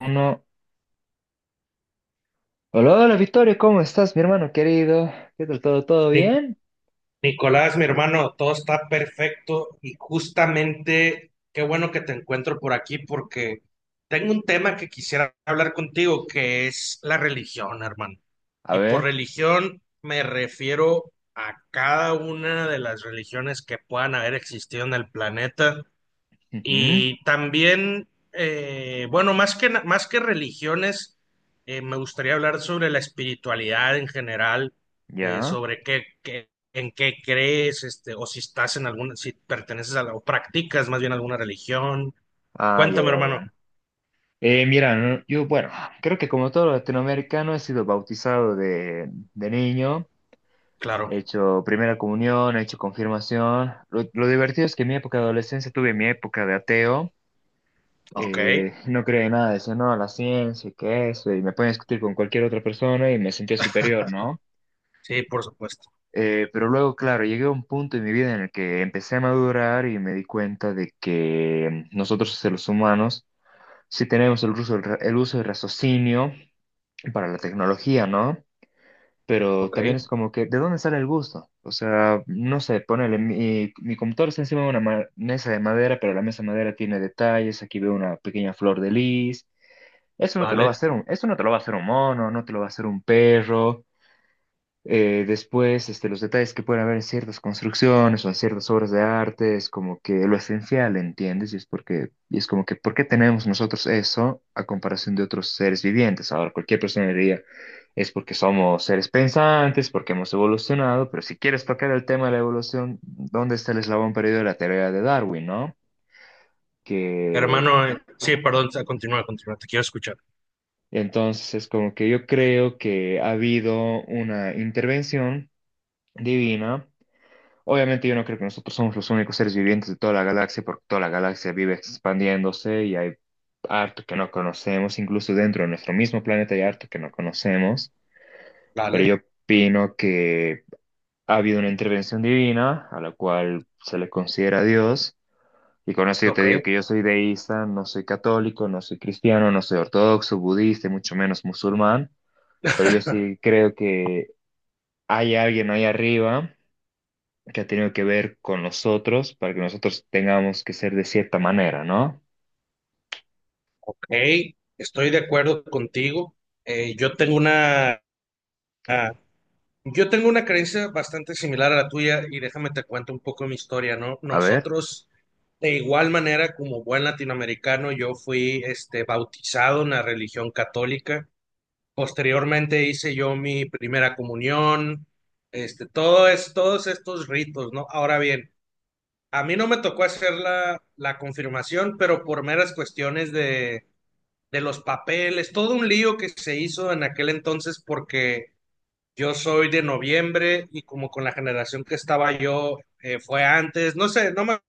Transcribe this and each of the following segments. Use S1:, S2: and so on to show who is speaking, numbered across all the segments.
S1: Uno. Hola, hola, Victorio, ¿cómo estás, mi hermano querido? ¿Qué tal todo? ¿Todo
S2: Ni-
S1: bien?
S2: Nicolás, mi hermano, todo está perfecto y justamente qué bueno que te encuentro por aquí porque tengo un tema que quisiera hablar contigo, que es la religión, hermano.
S1: A
S2: Y por
S1: ver.
S2: religión me refiero a cada una de las religiones que puedan haber existido en el planeta
S1: Ujú.
S2: y también, bueno, más que religiones, me gustaría hablar sobre la espiritualidad en general,
S1: Ya.
S2: sobre en qué crees, o si estás en alguna, si perteneces o practicas más bien alguna religión.
S1: Ah, ya,
S2: Cuéntame,
S1: ya,
S2: hermano.
S1: bueno. Mira, no, yo, bueno, creo que como todo latinoamericano he sido bautizado de niño, he
S2: Claro.
S1: hecho primera comunión, he hecho confirmación. Lo divertido es que en mi época de adolescencia tuve mi época de ateo.
S2: Ok.
S1: No creía en nada, decía, no, la ciencia, y que eso, y me podía discutir con cualquier otra persona y me sentía superior, ¿no?
S2: Sí, por supuesto.
S1: Pero luego, claro, llegué a un punto en mi vida en el que empecé a madurar y me di cuenta de que nosotros seres humanos sí tenemos el uso del raciocinio para la tecnología, ¿no? Pero
S2: Ok.
S1: también es como que, ¿de dónde sale el gusto? O sea, no sé, ponele, mi computador está encima de una mesa de madera, pero la mesa de madera tiene detalles, aquí veo una pequeña flor de lis. Eso no te lo va a
S2: Vale.
S1: hacer un, eso no te lo va a hacer un mono, no te lo va a hacer un perro. Después, los detalles que pueden haber en ciertas construcciones o en ciertas obras de arte es como que lo esencial, ¿entiendes? Y es porque, y es como que, ¿por qué tenemos nosotros eso a comparación de otros seres vivientes? Ahora, cualquier persona diría, es porque somos seres pensantes, porque hemos evolucionado, pero si quieres tocar el tema de la evolución, ¿dónde está el eslabón perdido de la teoría de Darwin, ¿no? Que
S2: Hermano, sí, perdón, continúa, continúa, te quiero escuchar.
S1: entonces es como que yo creo que ha habido una intervención divina. Obviamente yo no creo que nosotros somos los únicos seres vivientes de toda la galaxia, porque toda la galaxia vive expandiéndose y hay harto que no conocemos, incluso dentro de nuestro mismo planeta hay harto que no conocemos, pero
S2: Vale.
S1: yo opino que ha habido una intervención divina a la cual se le considera Dios, y con eso yo te
S2: Ok.
S1: digo que yo soy deísta, no soy católico, no soy cristiano, no soy ortodoxo, budista, y mucho menos musulmán, pero yo sí creo que hay alguien ahí arriba que ha tenido que ver con nosotros para que nosotros tengamos que ser de cierta manera, ¿no?
S2: Ok. Estoy de acuerdo contigo. Eh, yo tengo una. Yo tengo una creencia bastante similar a la tuya y déjame te cuento un poco mi historia, ¿no?
S1: A ver.
S2: Nosotros, de igual manera, como buen latinoamericano, yo fui bautizado en la religión católica. Posteriormente hice yo mi primera comunión, todos estos ritos, ¿no? Ahora bien, a mí no me tocó hacer la confirmación, pero por meras cuestiones de los papeles, todo un lío que se hizo en aquel entonces porque yo soy de noviembre y como con la generación que estaba yo fue antes, no sé, no me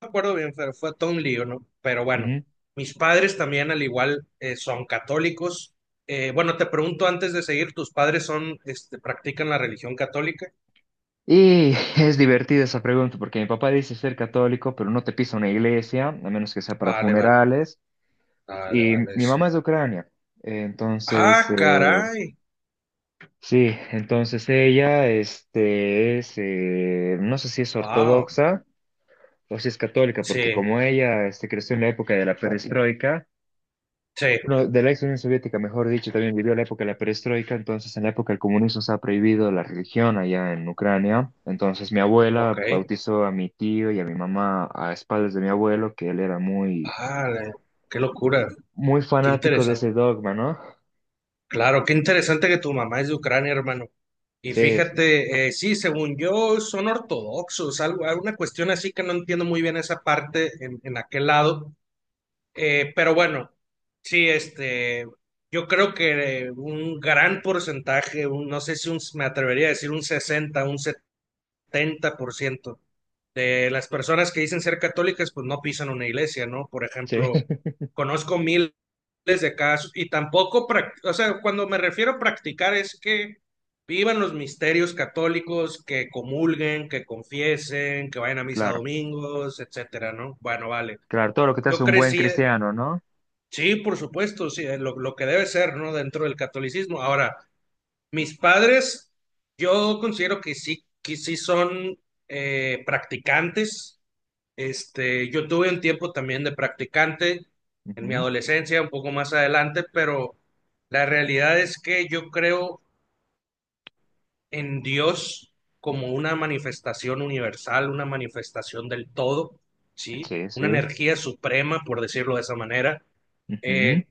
S2: acuerdo bien, pero fue todo un lío, ¿no? Pero bueno,
S1: Ujú.
S2: mis padres también al igual son católicos. Bueno, te pregunto antes de seguir, ¿tus padres practican la religión católica?
S1: Y es divertida esa pregunta porque mi papá dice ser católico, pero no te pisa una iglesia, a menos que sea para
S2: Vale, vale,
S1: funerales.
S2: vale,
S1: Y
S2: vale,
S1: mi
S2: sí.
S1: mamá es de Ucrania, eh, entonces,
S2: Ah,
S1: eh,
S2: caray,
S1: sí, entonces ella es, no sé si es
S2: wow,
S1: ortodoxa o si es católica, porque
S2: sí,
S1: como ella creció en la época de la perestroika.
S2: sí,
S1: Bueno, de la ex Unión Soviética, mejor dicho, también vivió la época de la perestroika, entonces en la época del comunismo se ha prohibido la religión allá en Ucrania, entonces mi
S2: ok,
S1: abuela bautizó a mi tío y a mi mamá a espaldas de mi abuelo, que él era muy,
S2: vale, qué locura,
S1: muy
S2: qué
S1: fanático de
S2: interesante.
S1: ese dogma, ¿no?
S2: Claro, qué interesante que tu mamá es de Ucrania, hermano. Y
S1: Sí, sí,
S2: fíjate, sí, según yo, son ortodoxos, alguna cuestión así que no entiendo muy bien esa parte en aquel lado. Pero bueno, sí, yo creo que un gran porcentaje, no sé si me atrevería a decir un 60, un 70% de las personas que dicen ser católicas, pues no pisan una iglesia, ¿no? Por
S1: sí.
S2: ejemplo, conozco miles de casos y tampoco, o sea, cuando me refiero a practicar es que vivan los misterios católicos, que comulguen, que confiesen, que vayan a misa
S1: Claro,
S2: domingos, etcétera, ¿no? Bueno, vale.
S1: claro, todo lo que te
S2: Yo
S1: hace un buen
S2: crecí,
S1: cristiano, ¿no?
S2: sí, por supuesto, sí, lo que debe ser, ¿no? Dentro del catolicismo. Ahora, mis padres, yo considero que sí son practicantes, yo tuve un tiempo también de practicante en mi
S1: Ujú.
S2: adolescencia, un poco más adelante, pero la realidad es que yo creo en Dios como una manifestación universal, una manifestación del todo, ¿sí?
S1: Sí, sí,
S2: Una energía suprema, por decirlo de esa manera.
S1: ujú.
S2: Eh,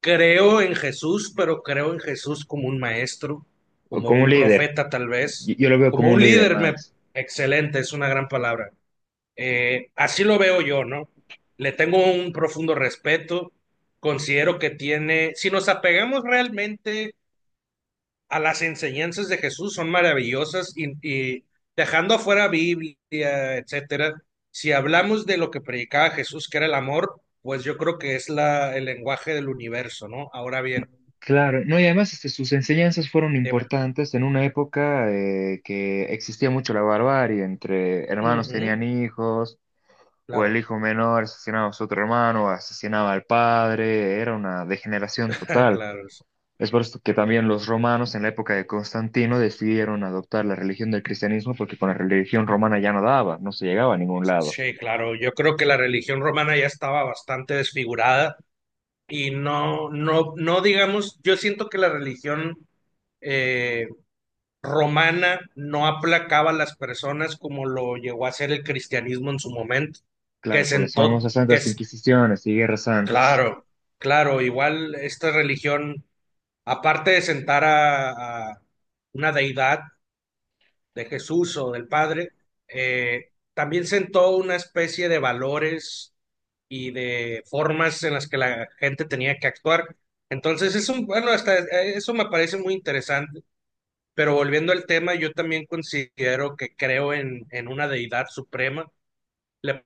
S2: creo en Jesús, pero creo en Jesús como un maestro,
S1: O
S2: como
S1: como un
S2: un
S1: líder,
S2: profeta tal vez,
S1: yo lo veo
S2: como
S1: como un
S2: un
S1: líder
S2: líder,
S1: más.
S2: excelente, es una gran palabra. Así lo veo yo, ¿no? Le tengo un profundo respeto, considero que tiene, si nos apegamos realmente a las enseñanzas de Jesús, son maravillosas y dejando afuera Biblia, etcétera, si hablamos de lo que predicaba Jesús, que era el amor, pues yo creo que es el lenguaje del universo, ¿no? Ahora bien,
S1: Claro, no, y además sus enseñanzas fueron
S2: dime.
S1: importantes en una época que existía mucho la barbarie, entre hermanos
S2: Ujú,
S1: tenían hijos, o el
S2: claro,
S1: hijo menor asesinaba a su otro hermano, o asesinaba al padre, era una degeneración total.
S2: claro,
S1: Es por esto que también los romanos en la época de Constantino decidieron adoptar la religión del cristianismo porque con la religión romana ya no daba, no se llegaba a ningún lado.
S2: sí, claro. Yo creo que la religión romana ya estaba bastante desfigurada y no, no, no digamos, yo siento que la religión eh, romana no aplacaba a las personas como lo llegó a hacer el cristianismo en su momento, que
S1: Claro, por las
S2: sentó,
S1: famosas
S2: que
S1: santas
S2: es,
S1: inquisiciones y guerras santas.
S2: claro, claro, igual esta religión, aparte de sentar a una deidad, de Jesús o del Padre, también sentó una especie de valores y de formas en las que la gente tenía que actuar. Entonces, bueno, hasta eso me parece muy interesante, pero volviendo al tema, yo también considero que creo en una deidad suprema. Le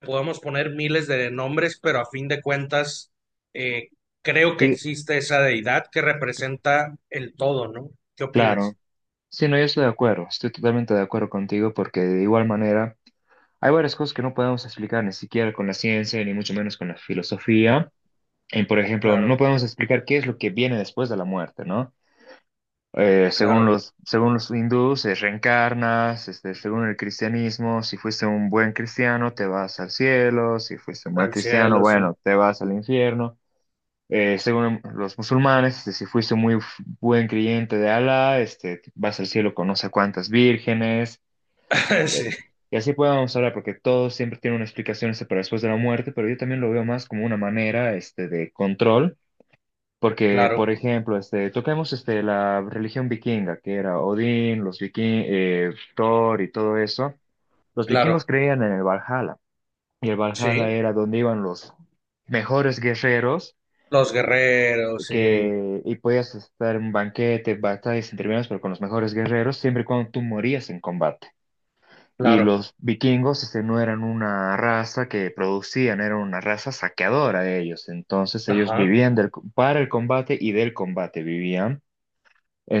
S2: podemos poner miles de nombres, pero a fin de cuentas, eh, creo que
S1: Sí,
S2: existe esa deidad que representa el todo, ¿no? ¿Qué
S1: claro.
S2: opinas?
S1: Sí, no, yo estoy de acuerdo, estoy totalmente de acuerdo contigo porque de igual manera hay varias cosas que no podemos explicar ni siquiera con la ciencia, ni mucho menos con la filosofía. En, por ejemplo, no
S2: Claro,
S1: podemos explicar qué es lo que viene después de la muerte, ¿no? Según
S2: claro,
S1: los, según los hindús, reencarnas, según el cristianismo, si fuiste un buen cristiano, te vas al cielo, si fuiste un mal
S2: al
S1: cristiano,
S2: cielo, sí.
S1: bueno, te vas al infierno. Según los musulmanes, si fuiste buen creyente de Alá, vas al cielo con no sé cuántas vírgenes. eh,
S2: Sí,
S1: Y así podemos hablar, porque todo siempre tiene una explicación para después de la muerte, pero yo también lo veo más como una manera de control, porque,
S2: claro,
S1: por ejemplo, toquemos la religión vikinga, que era Odín, los vikingos, Thor y todo eso. Los vikingos
S2: claro,
S1: creían en el Valhalla, y el
S2: sí,
S1: Valhalla era donde iban los mejores guerreros
S2: los guerreros, sí,
S1: que y podías estar en un banquete, batallas entre menos, pero con los mejores guerreros, siempre y cuando tú morías en combate. Y
S2: claro,
S1: los vikingos no eran una raza que producían, eran una raza saqueadora de ellos. Entonces ellos
S2: ajá,
S1: vivían del, para el combate y del combate vivían.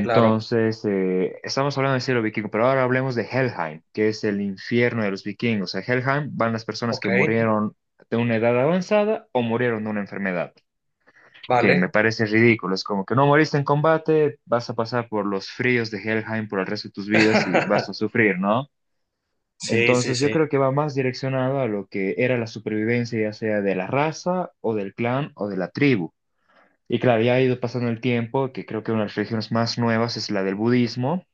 S2: claro,
S1: estamos hablando del cielo vikingo, pero ahora hablemos de Helheim, que es el infierno de los vikingos. A Helheim van las personas
S2: ok,
S1: que murieron de una edad avanzada o murieron de una enfermedad que
S2: vale.
S1: me parece ridículo. Es como que no moriste en combate, vas a pasar por los fríos de Helheim por el resto de tus vidas y vas a sufrir, ¿no?
S2: Sí, sí,
S1: Entonces yo
S2: sí,
S1: creo que va más direccionado a lo que era la supervivencia, ya sea de la raza o del clan o de la tribu. Y claro, ya ha ido pasando el tiempo, que creo que una de las religiones más nuevas es la del budismo,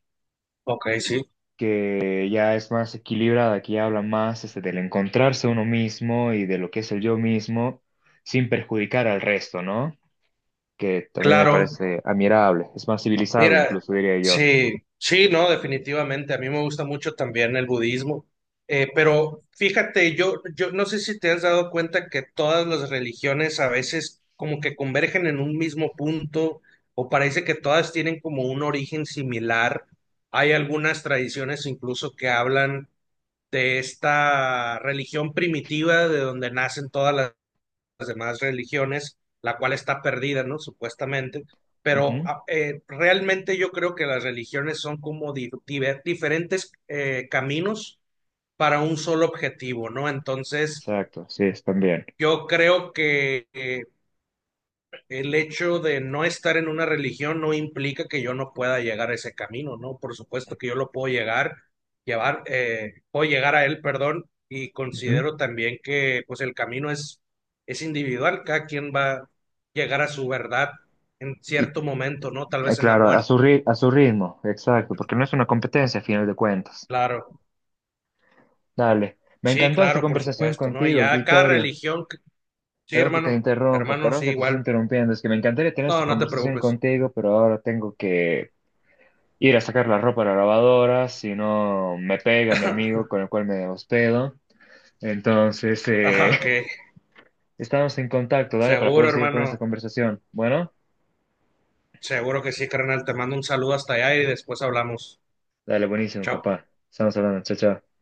S2: ok, sí,
S1: que ya es más equilibrada, que ya habla más del encontrarse uno mismo y de lo que es el yo mismo sin perjudicar al resto, ¿no? Que también me
S2: claro,
S1: parece admirable, es más civilizado
S2: mira,
S1: incluso, diría yo.
S2: sí, sí, no, definitivamente. A mí me gusta mucho también el budismo. Pero fíjate, yo no sé si te has dado cuenta que todas las religiones a veces como que convergen en un mismo punto o parece que todas tienen como un origen similar. Hay algunas tradiciones incluso que hablan de esta religión primitiva de donde nacen todas las demás religiones, la cual está perdida, ¿no? Supuestamente, pero
S1: Ujú.
S2: realmente yo creo que las religiones son como diferentes caminos para un solo objetivo, ¿no? Entonces,
S1: Exacto, sí, es también.
S2: yo creo que el hecho de no estar en una religión no implica que yo no pueda llegar a ese camino, ¿no? Por supuesto que yo lo puedo llevar, puedo llegar a él, perdón, y
S1: Ujú.
S2: considero también que pues el camino es individual, cada quien va a llegar a su verdad en
S1: Y
S2: cierto momento, ¿no? Tal vez en la
S1: claro, a
S2: muerte,
S1: su a su ritmo, exacto, porque no es una competencia a final de cuentas.
S2: claro,
S1: Dale, me
S2: sí,
S1: encantó esta
S2: claro, por
S1: conversación
S2: supuesto, ¿no? Y
S1: contigo,
S2: ya cada
S1: Vittorio.
S2: religión, sí,
S1: Perdón que te
S2: hermano,
S1: interrumpa,
S2: hermano,
S1: perdón
S2: sí,
S1: que te esté
S2: igual,
S1: interrumpiendo, es que me encantaría tener
S2: no,
S1: esta
S2: no te
S1: conversación
S2: preocupes,
S1: contigo, pero ahora tengo que ir a sacar la ropa a la lavadora, si no me pega mi amigo con el cual me hospedo. Entonces,
S2: ah, ok,
S1: estamos en contacto, dale, para
S2: seguro,
S1: poder seguir con
S2: hermano.
S1: esta conversación. Bueno,
S2: Seguro que sí, carnal. Te mando un saludo hasta allá y después hablamos.
S1: dale, buenísimo,
S2: Chao.
S1: papá. Estamos hablando, chao, chao.